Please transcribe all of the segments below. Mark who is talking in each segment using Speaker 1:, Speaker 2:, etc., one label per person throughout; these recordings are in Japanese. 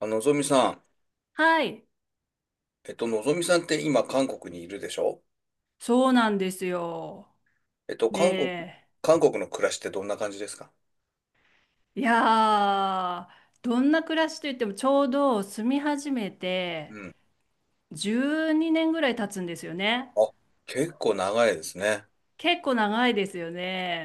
Speaker 1: ぞみさん、
Speaker 2: はい、
Speaker 1: のぞみさんって今、韓国にいるでしょ。
Speaker 2: そうなんですよ。
Speaker 1: えっと、韓国、
Speaker 2: ね
Speaker 1: 韓国の暮らしってどんな感じですか？
Speaker 2: え。いやー、どんな暮らしといってもちょうど住み始め
Speaker 1: う
Speaker 2: て
Speaker 1: ん。
Speaker 2: 12年ぐらい経つんですよね。
Speaker 1: あ、結構長いですね。
Speaker 2: 結構長いですよ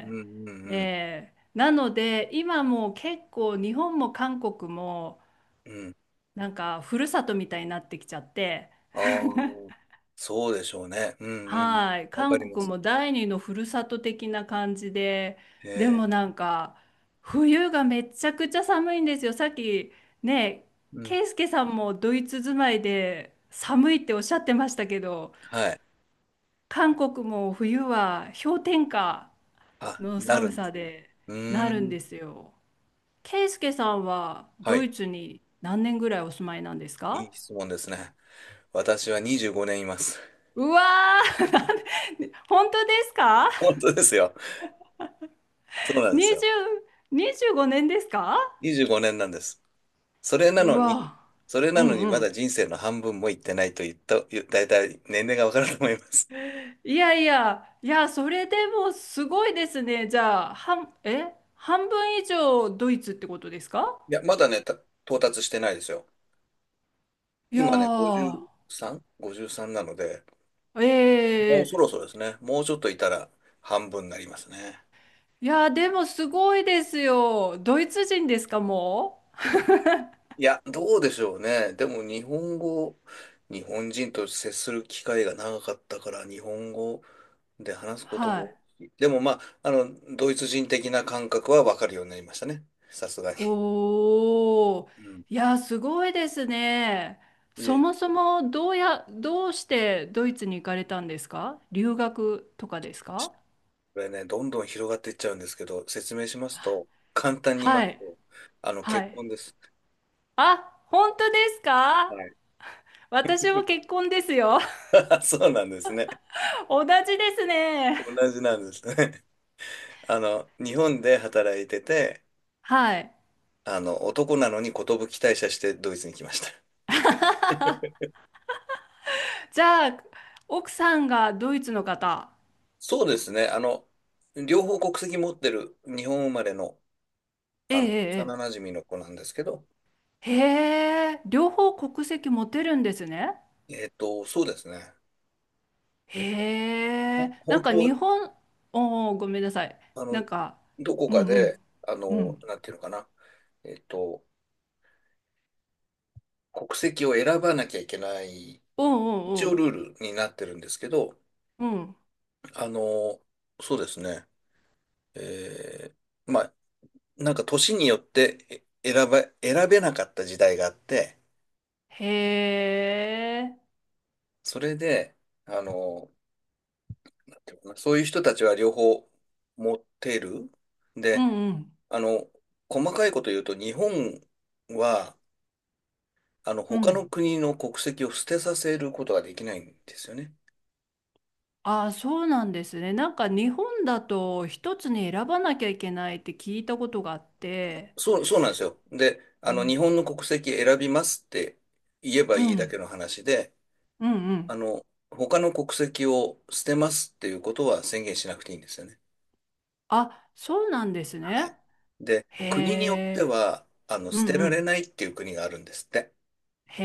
Speaker 1: うんうんうん。
Speaker 2: ええ。なので、今もう結構日本も韓国も
Speaker 1: うん。
Speaker 2: なんかふるさとみたいになってきちゃって、
Speaker 1: ああ、そうでしょうね。うんうん。
Speaker 2: はい、
Speaker 1: わかり
Speaker 2: 韓
Speaker 1: ま
Speaker 2: 国
Speaker 1: す。
Speaker 2: も第二のふるさと的な感じで、
Speaker 1: へ
Speaker 2: でもな
Speaker 1: え。
Speaker 2: んか冬がめちゃくちゃ寒いんですよ。さっきね、
Speaker 1: うん。
Speaker 2: ケイスケさんもドイツ住まいで寒いっておっしゃってましたけど、
Speaker 1: はい。
Speaker 2: 韓国も冬は氷点下
Speaker 1: あ、
Speaker 2: の
Speaker 1: な
Speaker 2: 寒
Speaker 1: るんで
Speaker 2: さ
Speaker 1: すね。
Speaker 2: で
Speaker 1: う
Speaker 2: な
Speaker 1: ー
Speaker 2: るん
Speaker 1: ん。
Speaker 2: ですよ。ケイスケさんは
Speaker 1: は
Speaker 2: ド
Speaker 1: い。
Speaker 2: イツに何年ぐらいお住まいなんです
Speaker 1: い
Speaker 2: か？
Speaker 1: い質問ですね。私は25年います。
Speaker 2: うわー、本当ですか
Speaker 1: 本当ですよ。そうなんですよ。
Speaker 2: ？20、25年ですか？
Speaker 1: 25年なんです。それな
Speaker 2: う
Speaker 1: のに、
Speaker 2: わ、うんう
Speaker 1: まだ
Speaker 2: ん。
Speaker 1: 人生の半分も行ってないと言った、だいたい年齢がわかると思います。
Speaker 2: いやいや、いや、それでもすごいですね。じゃあ、半分以上ドイツってことですか？
Speaker 1: いや、まだね、到達してないですよ。
Speaker 2: いや
Speaker 1: 今ね、
Speaker 2: ー、
Speaker 1: 53? 53なので、もう
Speaker 2: ええ。
Speaker 1: そろそろですね。もうちょっといたら半分になりますね。
Speaker 2: いや、でもすごいですよ。ドイツ人ですか、も
Speaker 1: いや、どうでしょうね。でも日本人と接する機会が長かったから、日本語で話す
Speaker 2: う？
Speaker 1: こと
Speaker 2: は
Speaker 1: も、
Speaker 2: い。
Speaker 1: でもまあ、ドイツ人的な感覚はわかるようになりましたね。さすがに。
Speaker 2: おー、
Speaker 1: うん。
Speaker 2: いや、すごいですね。
Speaker 1: い
Speaker 2: そ
Speaker 1: えいえ。
Speaker 2: もそもどうしてドイツに行かれたんですか？留学とかですか？
Speaker 1: これね、どんどん広がっていっちゃうんですけど、説明しますと、簡単に言いま
Speaker 2: は
Speaker 1: す
Speaker 2: い、
Speaker 1: と、
Speaker 2: は
Speaker 1: 結
Speaker 2: い。
Speaker 1: 婚です。
Speaker 2: あ、本当ですか？
Speaker 1: はい。
Speaker 2: 私も結 婚ですよ。
Speaker 1: あ、そうなんですね。
Speaker 2: 同じですね。
Speaker 1: 同じなんですね。日本で働いてて、
Speaker 2: はい。
Speaker 1: 男なのに寿退社してドイツに来ました。
Speaker 2: じゃあ、奥さんがドイツの方。
Speaker 1: そうですね。両方国籍持ってる日本生まれの、
Speaker 2: え
Speaker 1: 幼
Speaker 2: え、
Speaker 1: 馴染の子なんですけど、
Speaker 2: ええ。ええ、へえ、両方国籍持てるんですね。
Speaker 1: そうですね。
Speaker 2: へえ、なん
Speaker 1: 本
Speaker 2: か
Speaker 1: 当は、
Speaker 2: 日本、おお、ごめんなさい。
Speaker 1: あ
Speaker 2: な
Speaker 1: の、
Speaker 2: んか、
Speaker 1: どこ
Speaker 2: うん
Speaker 1: か
Speaker 2: うん、
Speaker 1: で、あ
Speaker 2: う
Speaker 1: の、
Speaker 2: ん。
Speaker 1: なんていうのかな。えっと、国籍を選ばなきゃいけない、
Speaker 2: うん
Speaker 1: 一
Speaker 2: う
Speaker 1: 応
Speaker 2: ん
Speaker 1: ルールになってるんですけど、
Speaker 2: うん、うん。
Speaker 1: あの、そうですね。えーまあ、なんか年によってえ選ば、選べなかった時代があって、
Speaker 2: へえ、
Speaker 1: それで、あの、なんていうのかなそういう人たちは両方持ってる。
Speaker 2: う
Speaker 1: で、
Speaker 2: んうん、
Speaker 1: あの、細かいこと言うと、日本は、
Speaker 2: う
Speaker 1: 他の
Speaker 2: ん。
Speaker 1: 国の国籍を捨てさせることができないんですよね。
Speaker 2: ああ、そうなんですね。なんか日本だと一つに選ばなきゃいけないって聞いたことがあって。
Speaker 1: そうなんですよ。で、
Speaker 2: う
Speaker 1: 日
Speaker 2: ん。
Speaker 1: 本の国籍選びますって言えば
Speaker 2: う
Speaker 1: いいだけ
Speaker 2: ん。
Speaker 1: の話で、
Speaker 2: うんう
Speaker 1: あ
Speaker 2: ん。
Speaker 1: の、他の国籍を捨てますっていうことは宣言しなくていいんですよね。
Speaker 2: あ、そうなんです
Speaker 1: は
Speaker 2: ね。
Speaker 1: い。で、
Speaker 2: へ
Speaker 1: 国によって
Speaker 2: え。
Speaker 1: は、
Speaker 2: う
Speaker 1: 捨て
Speaker 2: んう
Speaker 1: られ
Speaker 2: ん。
Speaker 1: ないっていう国があるんですって。
Speaker 2: へ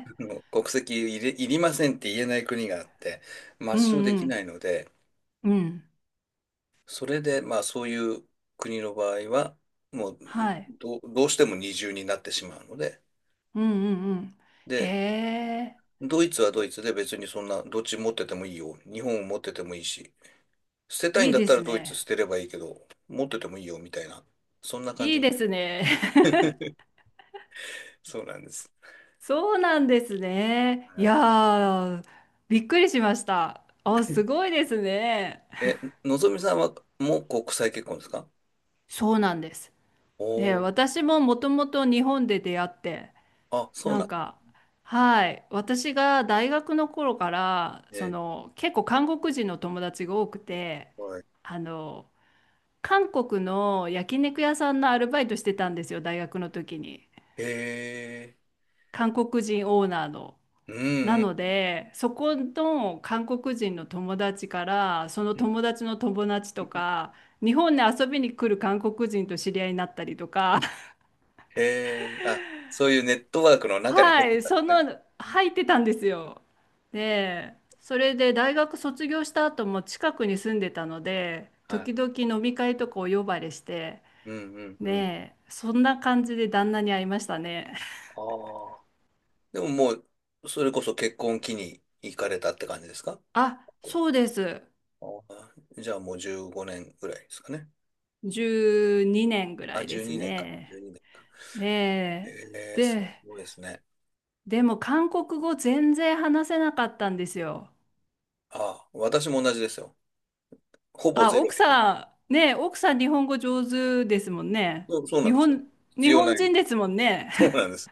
Speaker 2: え。
Speaker 1: 国籍いり、いりませんって言えない国があって、抹
Speaker 2: う
Speaker 1: 消で
Speaker 2: んう
Speaker 1: きな
Speaker 2: ん。
Speaker 1: いので、
Speaker 2: うん。
Speaker 1: それで、まあ、そういう国の場合は、もう、
Speaker 2: はい。
Speaker 1: どうしても二重になってしまうので、
Speaker 2: うんうんうん。へ
Speaker 1: で、
Speaker 2: え。
Speaker 1: ドイツはドイツで別にそんな、どっち持っててもいいよ。日本を持っててもいいし、捨てたい
Speaker 2: い
Speaker 1: ん
Speaker 2: い
Speaker 1: だっ
Speaker 2: で
Speaker 1: た
Speaker 2: す
Speaker 1: らドイツ捨
Speaker 2: ね。
Speaker 1: てればいいけど、持っててもいいよみたいな、そんな感
Speaker 2: い
Speaker 1: じ
Speaker 2: い
Speaker 1: み
Speaker 2: で
Speaker 1: たい。
Speaker 2: すね。
Speaker 1: そうなんです。
Speaker 2: そうなんですね。い
Speaker 1: は
Speaker 2: や
Speaker 1: い。
Speaker 2: ー、びっくりしました。あ、すごいですね。
Speaker 1: え、のぞみさんはもう国際結婚ですか？
Speaker 2: そうなんです。で、
Speaker 1: おおー、
Speaker 2: 私ももともと日本で出会って、
Speaker 1: あ、そう
Speaker 2: な
Speaker 1: な
Speaker 2: ん
Speaker 1: んで
Speaker 2: か、はい、私が大学の頃から、
Speaker 1: すね。
Speaker 2: 結構韓国人の友達が多くて、
Speaker 1: はい。
Speaker 2: あの、韓国の焼肉屋さんのアルバイトしてたんですよ、大学の時に。
Speaker 1: へえ。
Speaker 2: 韓国人オーナーの。
Speaker 1: う
Speaker 2: な
Speaker 1: んう
Speaker 2: の
Speaker 1: ん
Speaker 2: で、そこの韓国人の友達から、その
Speaker 1: うん。
Speaker 2: 友達の友達と か、日本に遊びに来る韓国人と知り合いになったりとか、
Speaker 1: へえ。あ、そういうネットワークの中に入
Speaker 2: は
Speaker 1: って
Speaker 2: い、
Speaker 1: たんで
Speaker 2: そ
Speaker 1: す
Speaker 2: の
Speaker 1: ね。うん。
Speaker 2: 入ってたんですよ。で、それで大学卒業した後も近くに住んでたので、
Speaker 1: はい。
Speaker 2: 時々飲み会とかお呼ばれして、
Speaker 1: うんうんうん。
Speaker 2: ねえ、そんな感じで旦那に会いましたね。
Speaker 1: ああ。でももう、それこそ結婚期に行かれたって感じですか？
Speaker 2: あ、そうです。
Speaker 1: あーじゃあもう15年ぐらいですかね。
Speaker 2: 12年ぐら
Speaker 1: あ、
Speaker 2: いで
Speaker 1: 12
Speaker 2: す
Speaker 1: 年か。
Speaker 2: ね。ね
Speaker 1: え
Speaker 2: え、
Speaker 1: ー、すごいですね。
Speaker 2: でも韓国語全然話せなかったんですよ。
Speaker 1: ああ、私も同じですよ。ほぼ
Speaker 2: あ、
Speaker 1: ゼロ
Speaker 2: 奥
Speaker 1: で。
Speaker 2: さん、ねえ、奥さん日本語上手ですもんね。
Speaker 1: そう、そうなん
Speaker 2: 日
Speaker 1: ですよ。
Speaker 2: 本、
Speaker 1: 必
Speaker 2: 日
Speaker 1: 要
Speaker 2: 本
Speaker 1: ない。
Speaker 2: 人 ですもんね。
Speaker 1: そうなんです。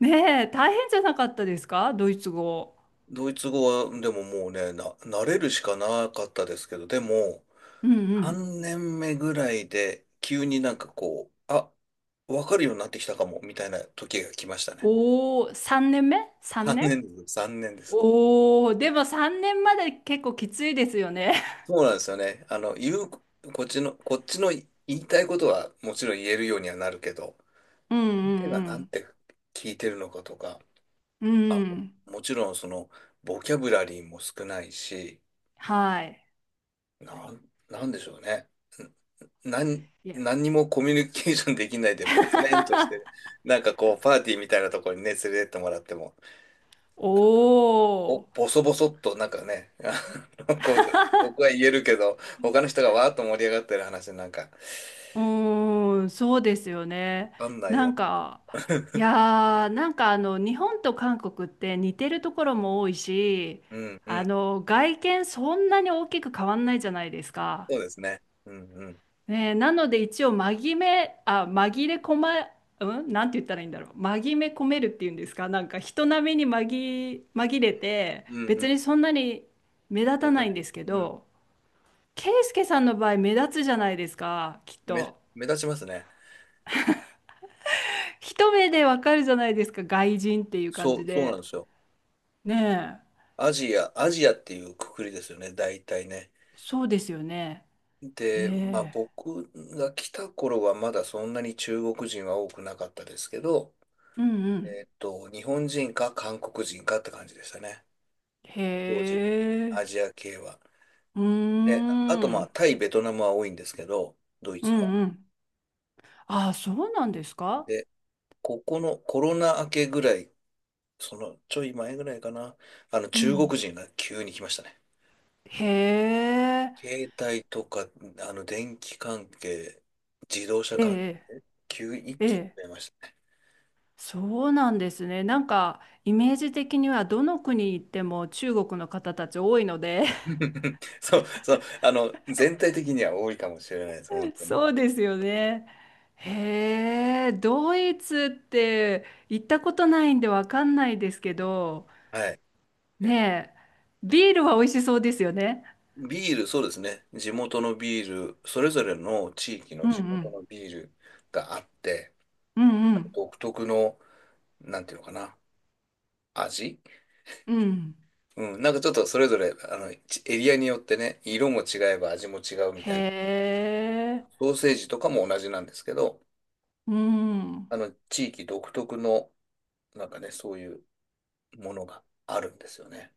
Speaker 2: ねえ、大変じゃなかったですか？ドイツ語。
Speaker 1: ドイツ語は、でももうね、慣れるしかなかったですけど、でも、
Speaker 2: うんうん。
Speaker 1: 3年目ぐらいで、急になんかこう、あ、わかるようになってきたかも、みたいな時が来ましたね。
Speaker 2: おお、3年目 ?3
Speaker 1: 3
Speaker 2: 年、
Speaker 1: 年です。
Speaker 2: おおー、でも3年まで結構きついですよね。
Speaker 1: そうなんですよね。あの、言う、こっちの、こっちの言いたいことはもちろん言えるようにはなるけど、
Speaker 2: うん
Speaker 1: 相手
Speaker 2: う
Speaker 1: がなん
Speaker 2: ん
Speaker 1: て聞いてるのかとか、
Speaker 2: うん。
Speaker 1: あ、
Speaker 2: うん。
Speaker 1: もちろんその、ボキャブラリーも少ないし、
Speaker 2: はい。
Speaker 1: なんでしょうね。んなん、
Speaker 2: いや。
Speaker 1: 何にもコミュニケーションできないで、ボツネンとして、なんかこう、パーティーみたいなところにね、連れてってもらっても、
Speaker 2: お
Speaker 1: お、
Speaker 2: お、
Speaker 1: ボソボソっと、なんかね、あのこう、僕は言えるけど、他の人がわーっと盛り上がってる話なんか、
Speaker 2: うーん、そうですよね。
Speaker 1: わかんない
Speaker 2: な
Speaker 1: よ
Speaker 2: ん
Speaker 1: な。
Speaker 2: か、いやー、なんか日本と韓国って似てるところも多いし、
Speaker 1: うんうん。
Speaker 2: 外見そんなに大きく変わんないじゃないですか。
Speaker 1: そうですね。うんうん。
Speaker 2: ねえ、なので一応紛め、あ、紛れ込ま、うん、なんて言ったらいいんだろう。紛め込めるっていうんですか。なんか人並みに紛れて、
Speaker 1: うんう
Speaker 2: 別
Speaker 1: ん。
Speaker 2: にそんなに目立
Speaker 1: 目
Speaker 2: た
Speaker 1: 立た
Speaker 2: ない
Speaker 1: な
Speaker 2: ん
Speaker 1: い。
Speaker 2: ですけ
Speaker 1: うん。
Speaker 2: ど、ケイスケさんの場合目立つじゃないですか、きっ
Speaker 1: 目、
Speaker 2: と。
Speaker 1: 目立ちますね。
Speaker 2: 一目でわかるじゃないですか、外人っていう感
Speaker 1: そ
Speaker 2: じ
Speaker 1: う、そうなん
Speaker 2: で。
Speaker 1: ですよ。
Speaker 2: ねえ、
Speaker 1: アジアっていうくくりですよね、大体ね。
Speaker 2: そうですよね。
Speaker 1: で、まあ
Speaker 2: ね
Speaker 1: 僕が来た頃はまだそんなに中国人は多くなかったですけど、
Speaker 2: え。うんうん。
Speaker 1: 日本人か韓国人かって感じでしたね。
Speaker 2: へ
Speaker 1: 当時はね。ア
Speaker 2: え。
Speaker 1: ジア系は。
Speaker 2: うー
Speaker 1: で、あとまあ
Speaker 2: ん。
Speaker 1: タイ、ベトナムは多いんですけど、ドイ
Speaker 2: う
Speaker 1: ツは。
Speaker 2: んうん。ああ、そうなんですか？
Speaker 1: で、ここのコロナ明けぐらいちょい前ぐらいかな、
Speaker 2: う
Speaker 1: 中
Speaker 2: ん。
Speaker 1: 国人が急に来ましたね。
Speaker 2: へえ、
Speaker 1: 携帯とか、あの電気関係、自動車
Speaker 2: え
Speaker 1: 関係、急に一
Speaker 2: え、え
Speaker 1: 気に
Speaker 2: え、
Speaker 1: 増えましたね。
Speaker 2: そうなんですね。なんか、イメージ的にはどの国行っても中国の方たち多いので。
Speaker 1: 全体的には多いかもしれないです、本 当に。
Speaker 2: そうですよね。へえ、ドイツって行ったことないんでわかんないですけど、
Speaker 1: はい。え、
Speaker 2: ねえ、ビールは美味しそうですよね。
Speaker 1: ビール、そうですね。地元のビール、それぞれの地域の
Speaker 2: うんう
Speaker 1: 地元
Speaker 2: ん、
Speaker 1: のビールがあって、
Speaker 2: う
Speaker 1: あの
Speaker 2: ん
Speaker 1: 独特の、なんていうのかな、味、
Speaker 2: うん、うん。
Speaker 1: うん、なんかちょっとそれぞれ、エリアによってね、色も違えば味も違うみ
Speaker 2: へ
Speaker 1: たいな。
Speaker 2: え、
Speaker 1: ソーセージとかも同じなんですけど、
Speaker 2: うん、
Speaker 1: 地域独特の、なんかね、そういうものがあるんですよね。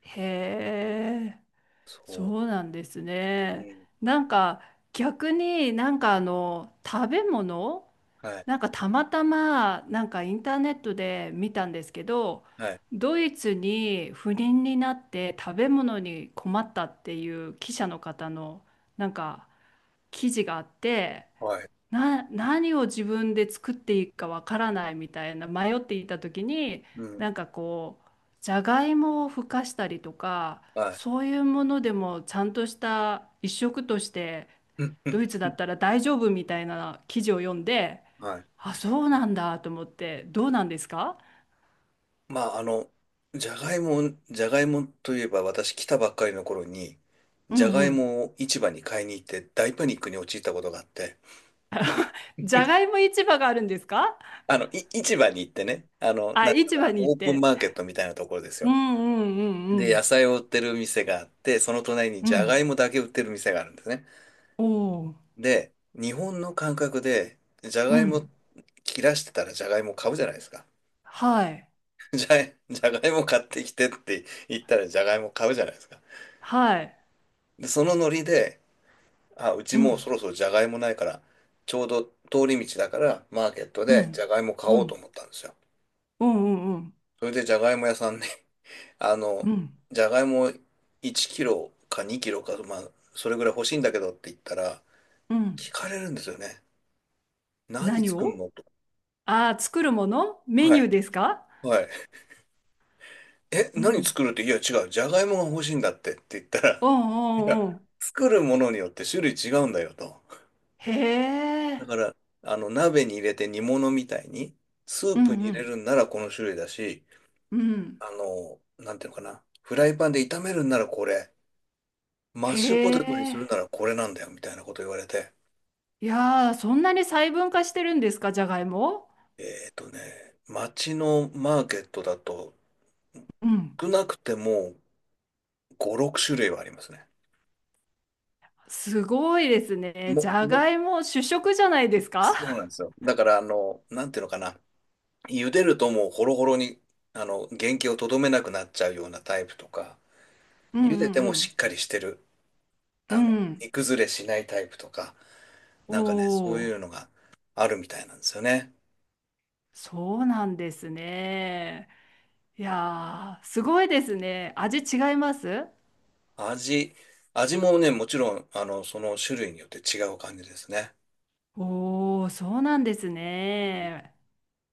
Speaker 2: へえ。
Speaker 1: そ
Speaker 2: そうなんです
Speaker 1: う。う
Speaker 2: ね。
Speaker 1: ん。
Speaker 2: なんか逆に、なんか食べ物、
Speaker 1: はい。
Speaker 2: なんかたまたまなんかインターネットで見たんですけど、
Speaker 1: はい。
Speaker 2: ドイツに不倫になって食べ物に困ったっていう記者の方のなんか記事があって、
Speaker 1: はい。
Speaker 2: 何を自分で作っていいかわからないみたいな迷っていた時に、
Speaker 1: うん。
Speaker 2: なんかこうじゃがいもをふかしたりとか、
Speaker 1: はい。
Speaker 2: そういうものでもちゃんとした一食として
Speaker 1: うん。う
Speaker 2: ド
Speaker 1: ん
Speaker 2: イツだ
Speaker 1: う
Speaker 2: っ
Speaker 1: ん。
Speaker 2: たら大丈夫みたいな記事を読んで、
Speaker 1: はい。
Speaker 2: あ、そうなんだと思って。どうなんですか？
Speaker 1: まあ、じゃがいも、じゃがいもといえば、私来たばっかりの頃に、
Speaker 2: うん
Speaker 1: じゃが
Speaker 2: う
Speaker 1: い
Speaker 2: ん。
Speaker 1: もを市場に買いに行って大パニックに陥ったことがあって、
Speaker 2: じゃがいも市場があるんですか？
Speaker 1: 市場に行ってね、あの、
Speaker 2: あ、
Speaker 1: なんていうの
Speaker 2: 市
Speaker 1: かな、
Speaker 2: 場に行
Speaker 1: オ
Speaker 2: っ
Speaker 1: ープン
Speaker 2: て、
Speaker 1: マーケットみたいなところです
Speaker 2: う
Speaker 1: よ。
Speaker 2: んうんう
Speaker 1: で、野
Speaker 2: ん。
Speaker 1: 菜を売ってる店があって、その隣に
Speaker 2: う
Speaker 1: ジ
Speaker 2: んう
Speaker 1: ャガイ
Speaker 2: ん。
Speaker 1: モだけ売ってる店があるんですね。
Speaker 2: おお。
Speaker 1: で、日本の感覚で、ジャ
Speaker 2: う
Speaker 1: ガイモ
Speaker 2: ん。
Speaker 1: 切らしてたらジャガイモ買うじゃないですか。
Speaker 2: はい。
Speaker 1: じゃ、ジャガイモ買ってきてって言ったらジャガイモ買うじゃないですか。
Speaker 2: はい。
Speaker 1: で、そのノリで、あ、うち
Speaker 2: う
Speaker 1: もうそ
Speaker 2: ん
Speaker 1: ろそろジャガイモないから、ちょうど通り道だからマーケット
Speaker 2: う
Speaker 1: でジ
Speaker 2: ん、
Speaker 1: ャガイモ買
Speaker 2: う
Speaker 1: おうと
Speaker 2: ん、
Speaker 1: 思ったんですよ。
Speaker 2: うん、うん、うん、
Speaker 1: それでジャガイモ屋さんね、あ
Speaker 2: う
Speaker 1: の、
Speaker 2: ん、
Speaker 1: ジャガイモ1キロか2キロか、まあ、それぐらい欲しいんだけどって言ったら、
Speaker 2: うん。
Speaker 1: 聞かれるんですよね。何
Speaker 2: 何
Speaker 1: 作る
Speaker 2: を、
Speaker 1: のと。
Speaker 2: ああー、作るものメ
Speaker 1: は
Speaker 2: ニュ
Speaker 1: い。
Speaker 2: ーですか？
Speaker 1: はい。え、
Speaker 2: う
Speaker 1: 何
Speaker 2: ん、
Speaker 1: 作るって、いや、違う。じゃがいもが欲しいんだってって言ったら、
Speaker 2: う
Speaker 1: いや、
Speaker 2: ん、うん、うん。
Speaker 1: 作るものによって種類違うんだよと。
Speaker 2: へ
Speaker 1: だ
Speaker 2: え、
Speaker 1: から、鍋に入れて煮物みたいに、スー
Speaker 2: う
Speaker 1: プに
Speaker 2: ん、う
Speaker 1: 入れ
Speaker 2: ん、
Speaker 1: るんならこの種類だし、
Speaker 2: うん。
Speaker 1: あの、なんていうのかな。フライパンで炒めるんならこれ、マッシュポ
Speaker 2: へ
Speaker 1: テトにするな
Speaker 2: え。
Speaker 1: らこれなんだよ、みたいなこと言われて。
Speaker 2: いやー、そんなに細分化してるんですか、じゃがいも？
Speaker 1: えっとね、街のマーケットだと、
Speaker 2: うん。
Speaker 1: 少なくても5、6種類はありますね。
Speaker 2: すごいですね。じ
Speaker 1: も、
Speaker 2: ゃ
Speaker 1: も、
Speaker 2: がいも主食じゃないですか？
Speaker 1: そうなんですよ。だから、あの、なんていうのかな。茹でるともうホロホロに、原型をとどめなくなっちゃうようなタイプとか、
Speaker 2: うん
Speaker 1: 茹でて
Speaker 2: う
Speaker 1: もし
Speaker 2: ん
Speaker 1: っかりしてる、
Speaker 2: うん。
Speaker 1: あの、
Speaker 2: う
Speaker 1: 煮
Speaker 2: ん。
Speaker 1: 崩れしないタイプとか、
Speaker 2: お
Speaker 1: なんかね、そういうの
Speaker 2: お。
Speaker 1: があるみたいなんですよね。
Speaker 2: そうなんですね。いやー、すごいですね。味違います？
Speaker 1: 味、味もね、もちろん、その種類によって違う感じですね。
Speaker 2: おお、そうなんですね。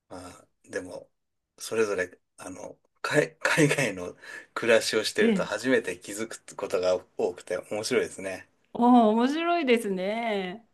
Speaker 1: まあ、でも、それぞれ、海外の暮らしをして
Speaker 2: え
Speaker 1: ると
Speaker 2: え。
Speaker 1: 初めて気づくことが多くて面白いですね。
Speaker 2: おお、面白いですね。